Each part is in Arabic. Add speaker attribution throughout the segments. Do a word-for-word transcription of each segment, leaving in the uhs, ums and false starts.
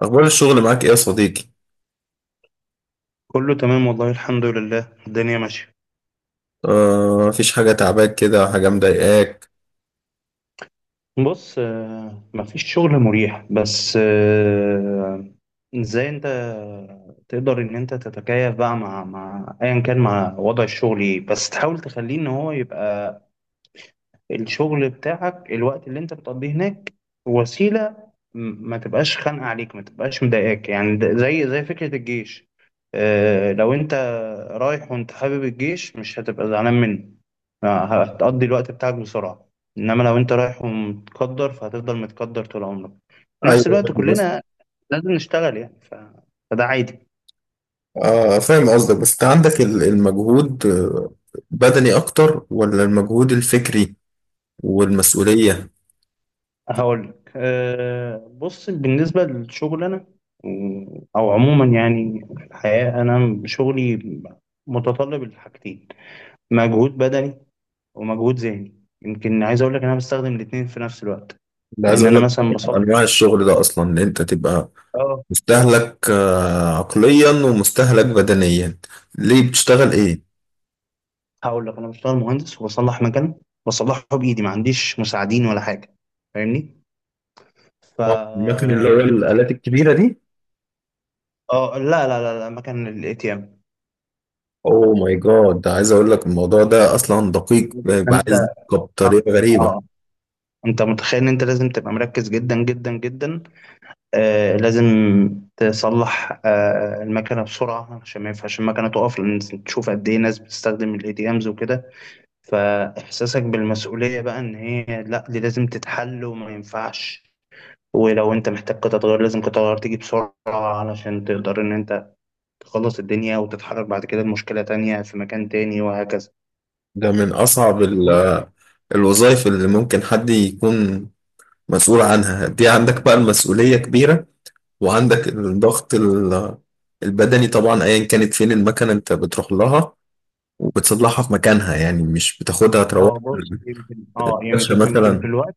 Speaker 1: أخبار الشغل معاك إيه يا صديقي؟
Speaker 2: كله تمام والله، الحمد لله، الدنيا ماشية.
Speaker 1: آه، مفيش حاجة تعباك كده، حاجة مضايقاك؟
Speaker 2: بص، آه، مفيش شغل مريح، بس آه، ازاي انت تقدر ان انت تتكيف بقى مع مع ايا كان، مع وضع الشغل ايه، بس تحاول تخليه ان هو يبقى الشغل بتاعك، الوقت اللي انت بتقضيه هناك وسيلة، م- ما تبقاش خانقة عليك، ما تبقاش مضايقاك يعني، ده- زي زي فكرة الجيش. اه لو انت رايح وانت حابب الجيش، مش هتبقى زعلان منه، اه، هتقضي الوقت بتاعك بسرعة. انما لو انت رايح ومتقدر، فهتفضل متقدر طول عمرك. في
Speaker 1: أيوه،
Speaker 2: نفس الوقت
Speaker 1: فاهم قصدك.
Speaker 2: كلنا لازم نشتغل يعني، ف... فده عادي.
Speaker 1: آه، فاهم قصدك. بس أنت عندك ال- المجهود، آه، بدني أكتر ولا المجهود الفكري والمسؤولية؟
Speaker 2: هقول لك أه بص، بالنسبة للشغل أنا، م، أو عموما يعني، في الحياة أنا شغلي متطلب لحاجتين: مجهود بدني ومجهود ذهني. يمكن عايز أقول لك إن أنا بستخدم الاتنين في نفس الوقت،
Speaker 1: أنا عايز
Speaker 2: لأن
Speaker 1: أقول
Speaker 2: أنا
Speaker 1: لك،
Speaker 2: مثلا بصلح.
Speaker 1: أنواع الشغل ده أصلا إن أنت تبقى
Speaker 2: أه،
Speaker 1: مستهلك آه عقليا ومستهلك بدنيا. ليه بتشتغل إيه؟
Speaker 2: هقول لك، أنا بشتغل مهندس وبصلح مكان، بصلحه بإيدي، ما عنديش مساعدين ولا حاجة، فاهمني؟ ف
Speaker 1: اه، المكن اللي هو الآلات الكبيرة دي؟
Speaker 2: أه، لا لا لا لا، مكان الإتيام.
Speaker 1: اوه ماي جاد، ده عايز اقول لك الموضوع ده اصلا دقيق، بيبقى
Speaker 2: أنت
Speaker 1: عايز دقة
Speaker 2: أه
Speaker 1: بطريقه غريبه.
Speaker 2: آه، انت متخيل ان انت لازم تبقى مركز جدا جدا جدا، آه لازم تصلح آه المكنه بسرعه، عشان ما ينفعش المكنه تقف، لان تشوف قد ايه ناس بتستخدم الاي دي امز وكده. فاحساسك بالمسؤوليه بقى ان هي، لا، دي لازم تتحل وما ينفعش، ولو انت محتاج قطع غيار لازم قطع غيار تيجي بسرعه علشان تقدر ان انت تخلص الدنيا وتتحرك بعد كده لمشكله تانية في مكان تاني، وهكذا.
Speaker 1: ده من أصعب ال- الوظائف اللي ممكن حد يكون مسؤول عنها. دي عندك بقى المسؤولية كبيرة، وعندك الضغط ال- البدني طبعا. أيا كانت فين المكنة أنت بتروح لها وبتصلحها في مكانها، يعني مش بتاخدها تروح
Speaker 2: اه بص، يمكن اه
Speaker 1: الكرشة
Speaker 2: يمكن يمكن في
Speaker 1: مثلا.
Speaker 2: الوقت.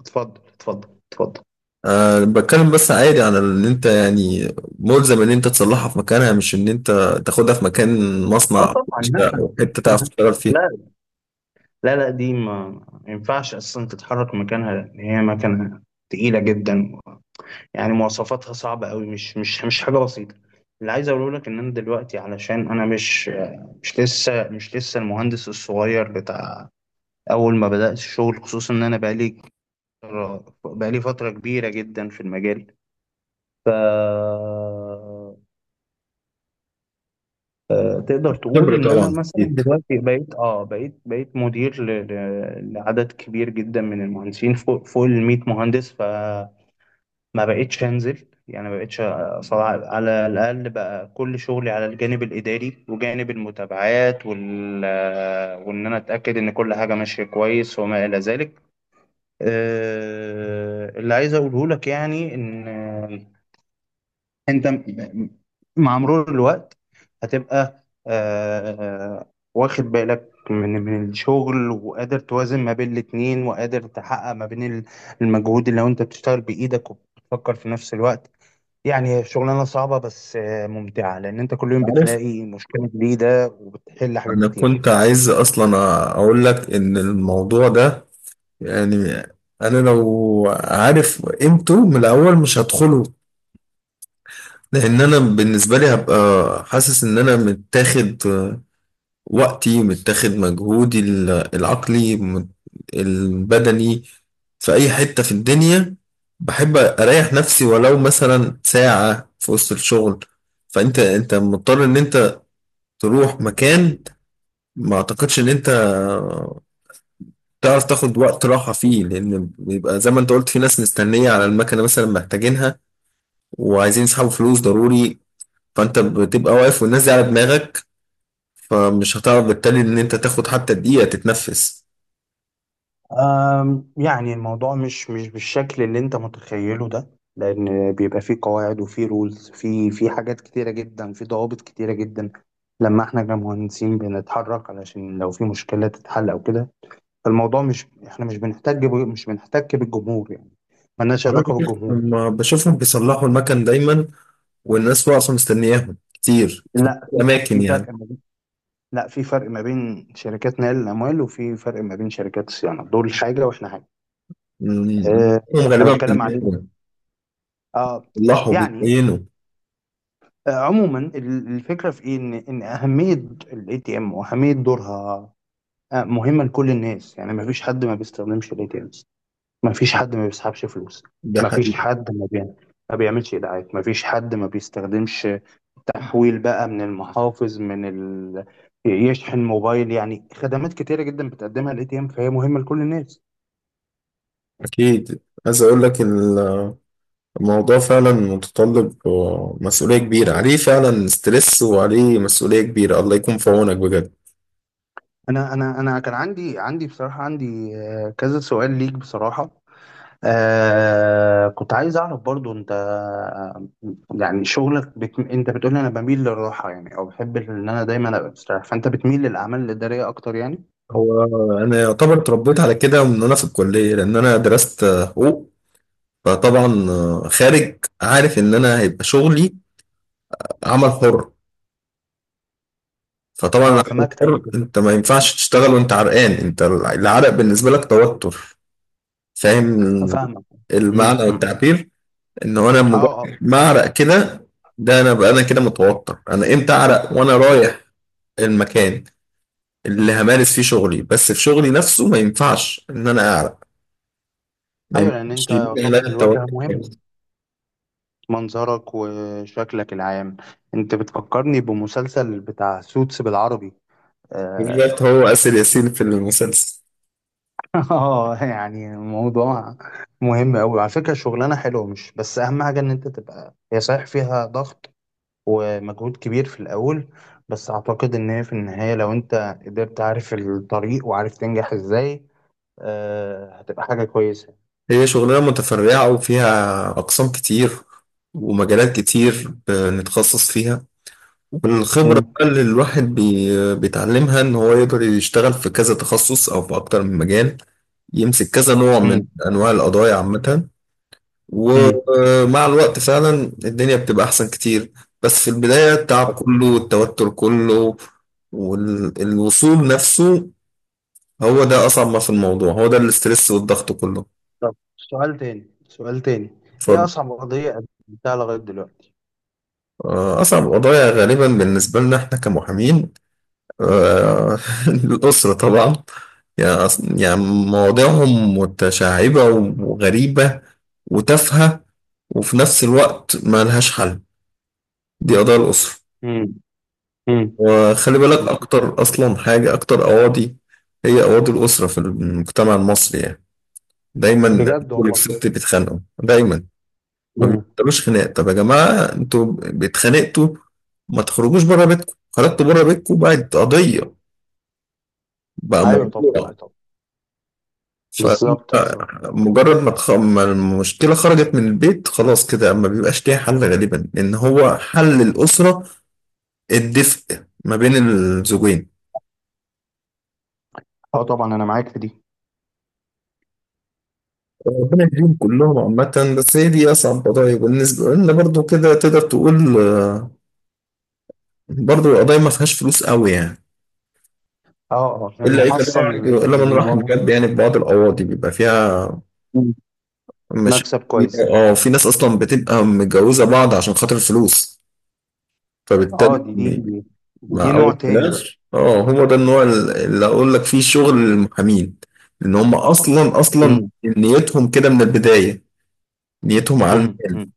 Speaker 2: اتفضل اتفضل اتفضل.
Speaker 1: أه، بتكلم بس عادي عن إن أنت يعني ملزم إن أنت تصلحها في مكانها، مش إن أنت تاخدها في مكان،
Speaker 2: اه
Speaker 1: مصنع
Speaker 2: طبعا، لا.
Speaker 1: أو حتة تعرف تشتغل فيها.
Speaker 2: لا لا لا، دي ما ما ينفعش اصلا تتحرك مكانها، لان هي مكنه تقيله جدا، يعني مواصفاتها صعبه قوي، مش مش مش حاجه بسيطه. اللي عايز اقوله لك ان انا دلوقتي، علشان انا مش مش لسه مش لسه المهندس الصغير بتاع اول ما بدات الشغل، خصوصا ان انا بقالي بقالي فتره كبيره جدا في المجال. ف آه، تقدر تقول
Speaker 1: خبرة
Speaker 2: ان انا
Speaker 1: طبعا،
Speaker 2: مثلا
Speaker 1: أكيد.
Speaker 2: دلوقتي بقيت اه بقيت بقيت مدير ل- ل- لعدد كبير جدا من المهندسين، فوق فوق ال مية مهندس، فما بقيتش انزل، يعني ما بقيتش صراحة على الاقل. بقى كل شغلي على الجانب الاداري وجانب المتابعات وال وان انا اتاكد ان كل حاجه ماشيه كويس وما الى ذلك. آه، اللي عايز اقوله لك يعني، ان انت م- مع مرور الوقت هتبقى آه، آه، واخد بالك من من الشغل، وقادر توازن ما بين الاتنين، وقادر تحقق ما بين ال- المجهود، اللي لو انت بتشتغل بايدك وبتفكر في نفس الوقت. يعني هي شغلانة صعبة، بس آه، ممتعة، لان انت كل يوم
Speaker 1: عارف،
Speaker 2: بتلاقي مشكلة جديدة وبتحل حاجات
Speaker 1: انا
Speaker 2: كتير.
Speaker 1: كنت عايز اصلا اقول لك ان الموضوع ده، يعني انا لو عارف قيمته من الاول مش هدخله، لان انا بالنسبه لي هبقى حاسس ان انا متاخد وقتي، متاخد مجهودي ال- العقلي، مت- البدني. في اي حته في الدنيا بحب اريح نفسي ولو مثلا ساعه في وسط الشغل. فانت انت مضطر ان انت تروح مكان. ما اعتقدش ان انت تعرف تاخد وقت راحة فيه، لأن بيبقى زي ما أنت قلت، في ناس مستنية على المكنة مثلا محتاجينها وعايزين يسحبوا فلوس ضروري، فأنت بتبقى واقف والناس دي على دماغك، فمش هتعرف بالتالي إن أنت تاخد حتى دقيقة تتنفس.
Speaker 2: أم، يعني الموضوع مش مش بالشكل اللي انت متخيله ده، لان بيبقى فيه قواعد وفيه رولز، في في حاجات كتيره جدا، في ضوابط كتيره جدا لما احنا كمهندسين بنتحرك، علشان لو في مشكله تتحل او كده. فالموضوع مش احنا، مش بنحتاج ب- مش بنحتاج بالجمهور يعني، ملناش علاقه بالجمهور.
Speaker 1: ما بشوفهم بيصلحوا المكن دايما، والناس واقفة مستنياهم كتير في
Speaker 2: لا
Speaker 1: الأماكن
Speaker 2: في فرق
Speaker 1: يعني.
Speaker 2: ما بين لا، في فرق ما بين شركات نقل الاموال، وفي فرق ما بين شركات الصيانه، دول حاجه واحنا حاجه.
Speaker 1: أمم،
Speaker 2: أه،
Speaker 1: هم
Speaker 2: انا
Speaker 1: غالبا في
Speaker 2: بتكلم
Speaker 1: البيت
Speaker 2: عليه. اه
Speaker 1: بيصلحوا
Speaker 2: يعني،
Speaker 1: بيبينوا.
Speaker 2: آه، عموما ال- الفكره في ايه، ان ان اهميه الاي تي ام واهميه دورها، آه، مهمه لكل الناس. يعني ما فيش حد ما بيستخدمش الاي تي امز، ما فيش حد ما بيسحبش فلوس،
Speaker 1: ده
Speaker 2: ما
Speaker 1: حقيقي.
Speaker 2: فيش حد ما بي... ما بيعملش ايداعات، ما فيش حد ما بيستخدمش تحويل بقى من المحافظ، من ال... يشحن موبايل، يعني خدمات كتيره جدا بتقدمها الاي تي ام، فهي مهمه لكل الناس.
Speaker 1: أكيد. عايز أقول لك، الموضوع فعلا متطلب، آه، مسؤولية كبيرة عليه، فعلا ستريس وعليه مسؤولية كبيرة. الله يكون في عونك بجد.
Speaker 2: انا انا انا كان عندي عندي بصراحه، عندي آه، كذا سؤال ليك بصراحه. آه كنت عايز أعرف برضو، أنت يعني شغلك بت... أنت بتقول لي أنا بميل للراحة، يعني أو بحب إن أنا دايما أبقى مستريح، فأنت بتميل للأعمال الإدارية أكتر يعني؟
Speaker 1: هو أنا يعتبر اتربيت على كده من وأنا في الكلية، لأن أنا درست آه، حقوق. فطبعا آه، خارج عارف إن أنا هيبقى شغلي عمل حر. فطبعا
Speaker 2: أه،
Speaker 1: العمل
Speaker 2: في مكتب
Speaker 1: الحر،
Speaker 2: وكده،
Speaker 1: أنت ما ينفعش تشتغل وأنت عرقان، أنت العرق بالنسبة لك توتر. فاهم
Speaker 2: فاهمك. أمم،
Speaker 1: المعنى
Speaker 2: أمم.
Speaker 1: والتعبير؟ إن هو أنا مجرد
Speaker 2: أه أه.
Speaker 1: ما أعرق كده، ده انا بقى انا كده متوتر. انا امتى اعرق؟ وانا رايح المكان اللي همارس فيه شغلي، بس في شغلي نفسه ما ينفعش ان انا اعرق، ما
Speaker 2: أيوه، لأن
Speaker 1: ينفعش
Speaker 2: أنت
Speaker 1: يبقى لها
Speaker 2: طبعا الواجهة
Speaker 1: التوتر.
Speaker 2: مهمة، منظرك وشكلك العام. أنت بتفكرني بمسلسل بتاع سوتس بالعربي آه،
Speaker 1: بالذات هو آسر ياسين في المسلسل.
Speaker 2: اه يعني الموضوع مهم قوي على فكره، شغلانه حلوه، مش بس اهم حاجه ان انت تبقى، هي صحيح فيها ضغط ومجهود كبير في الاول، بس اعتقد ان هي في النهايه لو انت قدرت عارف الطريق، وعارف تنجح ازاي آه هتبقى حاجه كويسه.
Speaker 1: هي شغلانة متفرعة وفيها أقسام كتير ومجالات كتير بنتخصص فيها. والخبرة
Speaker 2: مم.
Speaker 1: بقى اللي الواحد بي- بيتعلمها إن هو يقدر يشتغل في كذا تخصص أو في أكتر من مجال. يمسك كذا نوع من
Speaker 2: مم.
Speaker 1: أنواع القضايا عامة.
Speaker 2: مم.
Speaker 1: ومع الوقت فعلا الدنيا بتبقى أحسن كتير. بس في البداية التعب كله والتوتر كله والوصول نفسه، هو ده أصعب ما في الموضوع، هو ده الاسترس والضغط كله.
Speaker 2: طب سؤال تاني، سؤال تاني. ايه
Speaker 1: اتفضل.
Speaker 2: اصعب قضيه قدمتها لغايه دلوقتي؟
Speaker 1: آه، أصعب قضايا غالبا بالنسبة لنا إحنا كمحامين، آه، الأسرة طبعا. يعني أص- يعني مواضيعهم متشعبة وغريبة وتافهة، وفي نفس الوقت ما لهاش حل. دي قضايا الأسرة.
Speaker 2: مم. مم.
Speaker 1: وخلي بالك، أكتر أصلا حاجة أكتر أواضي، هي أواضي الأسرة في المجتمع المصري يعني. دايما الرجل
Speaker 2: بجد والله.
Speaker 1: والست بيتخانقوا دايما، ما
Speaker 2: مم.
Speaker 1: بيبطلوش خناق. طب يا جماعة، أنتوا بتخانقتوا، ما تخرجوش بره بيتكم. خرجتوا بره بيتكم، بقت قضية، بقى
Speaker 2: ايوه طبعا،
Speaker 1: موضوع.
Speaker 2: ايوه طبعا. بالظبط
Speaker 1: فأنت
Speaker 2: بالظبط.
Speaker 1: مجرد ما تخ- ما المشكلة خرجت من البيت خلاص كده ما بيبقاش ليها حل غالبا، لأن هو حل الأسرة الدفء ما بين الزوجين.
Speaker 2: اه طبعا، انا معاك في دي.
Speaker 1: ربنا يهديهم كلهم عامة. بس هي دي أصعب قضايا بالنسبة لنا برضو، كده تقدر تقول. آه، برضو القضايا ما فيهاش فلوس قوي يعني،
Speaker 2: اه اه،
Speaker 1: إلا إلا بقى-
Speaker 2: المحصل يعني
Speaker 1: إلا من
Speaker 2: من
Speaker 1: رحم
Speaker 2: ورا.
Speaker 1: بجد. يعني في بعض القواضي بيبقى فيها
Speaker 2: مم.
Speaker 1: مشاكل
Speaker 2: مكسب كويس.
Speaker 1: كبيرة. اه، في ناس أصلا بتبقى متجوزة بعض عشان خاطر الفلوس،
Speaker 2: اه،
Speaker 1: فبالتالي
Speaker 2: دي دي دي, دي
Speaker 1: مع
Speaker 2: نوع
Speaker 1: أول
Speaker 2: تاني بقى.
Speaker 1: فلاش، اه هو ده النوع اللي أقول لك فيه شغل المحامين. إن هم أصلا أصلا
Speaker 2: امم.
Speaker 1: نيتهم كده من البداية، نيتهم على المال.
Speaker 2: امم.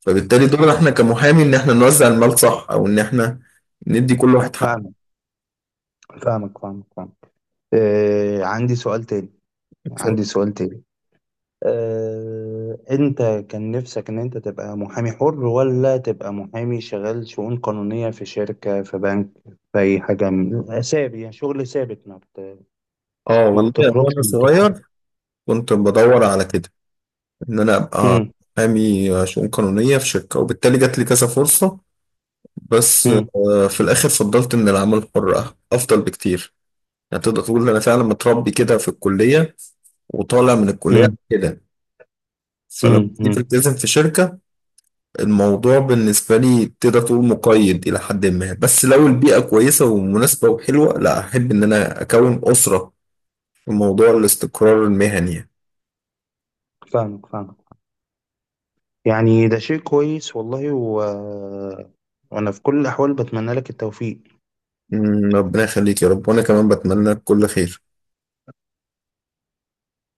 Speaker 1: فبالتالي دورنا احنا كمحامي، ان احنا نوزع المال صح، او ان احنا ندي كل واحد حقه.
Speaker 2: فاهمك فاهمك فاهمك فاهمك. آه عندي سؤال تاني،
Speaker 1: اتفضل.
Speaker 2: عندي سؤال تاني. آه انت، كان نفسك ان انت تبقى محامي حر، ولا تبقى محامي شغال شؤون قانونية في شركة، في بنك، في اي حاجة من- ثابت، يعني شغل ثابت، ما بت...
Speaker 1: اه
Speaker 2: ما
Speaker 1: والله، يعني
Speaker 2: بتخرجش
Speaker 1: وانا
Speaker 2: من
Speaker 1: صغير
Speaker 2: تتحرك.
Speaker 1: كنت بدور على كده، ان انا ابقى
Speaker 2: امم.
Speaker 1: محامي شؤون قانونية في شركة، وبالتالي جات لي كذا فرصة. بس
Speaker 2: امم.
Speaker 1: آه، في الاخر فضلت ان العمل الحر أه- افضل بكتير. يعني تقدر تقول إن انا فعلا متربي كده في الكلية وطالع من
Speaker 2: امم.
Speaker 1: الكلية كده. فلما جيت
Speaker 2: امم.
Speaker 1: التزم في شركة، الموضوع بالنسبة لي تقدر تقول مقيد إلى حد ما، بس لو البيئة كويسة ومناسبة وحلوة، لا، أحب إن أنا أكون أسرة في موضوع الاستقرار المهني.
Speaker 2: فاهمك فاهمك. يعني ده شيء كويس والله و... وانا في كل الاحوال بتمنى لك التوفيق.
Speaker 1: مم، ربنا يخليك يا رب، وأنا كمان بتمنى لك كل خير.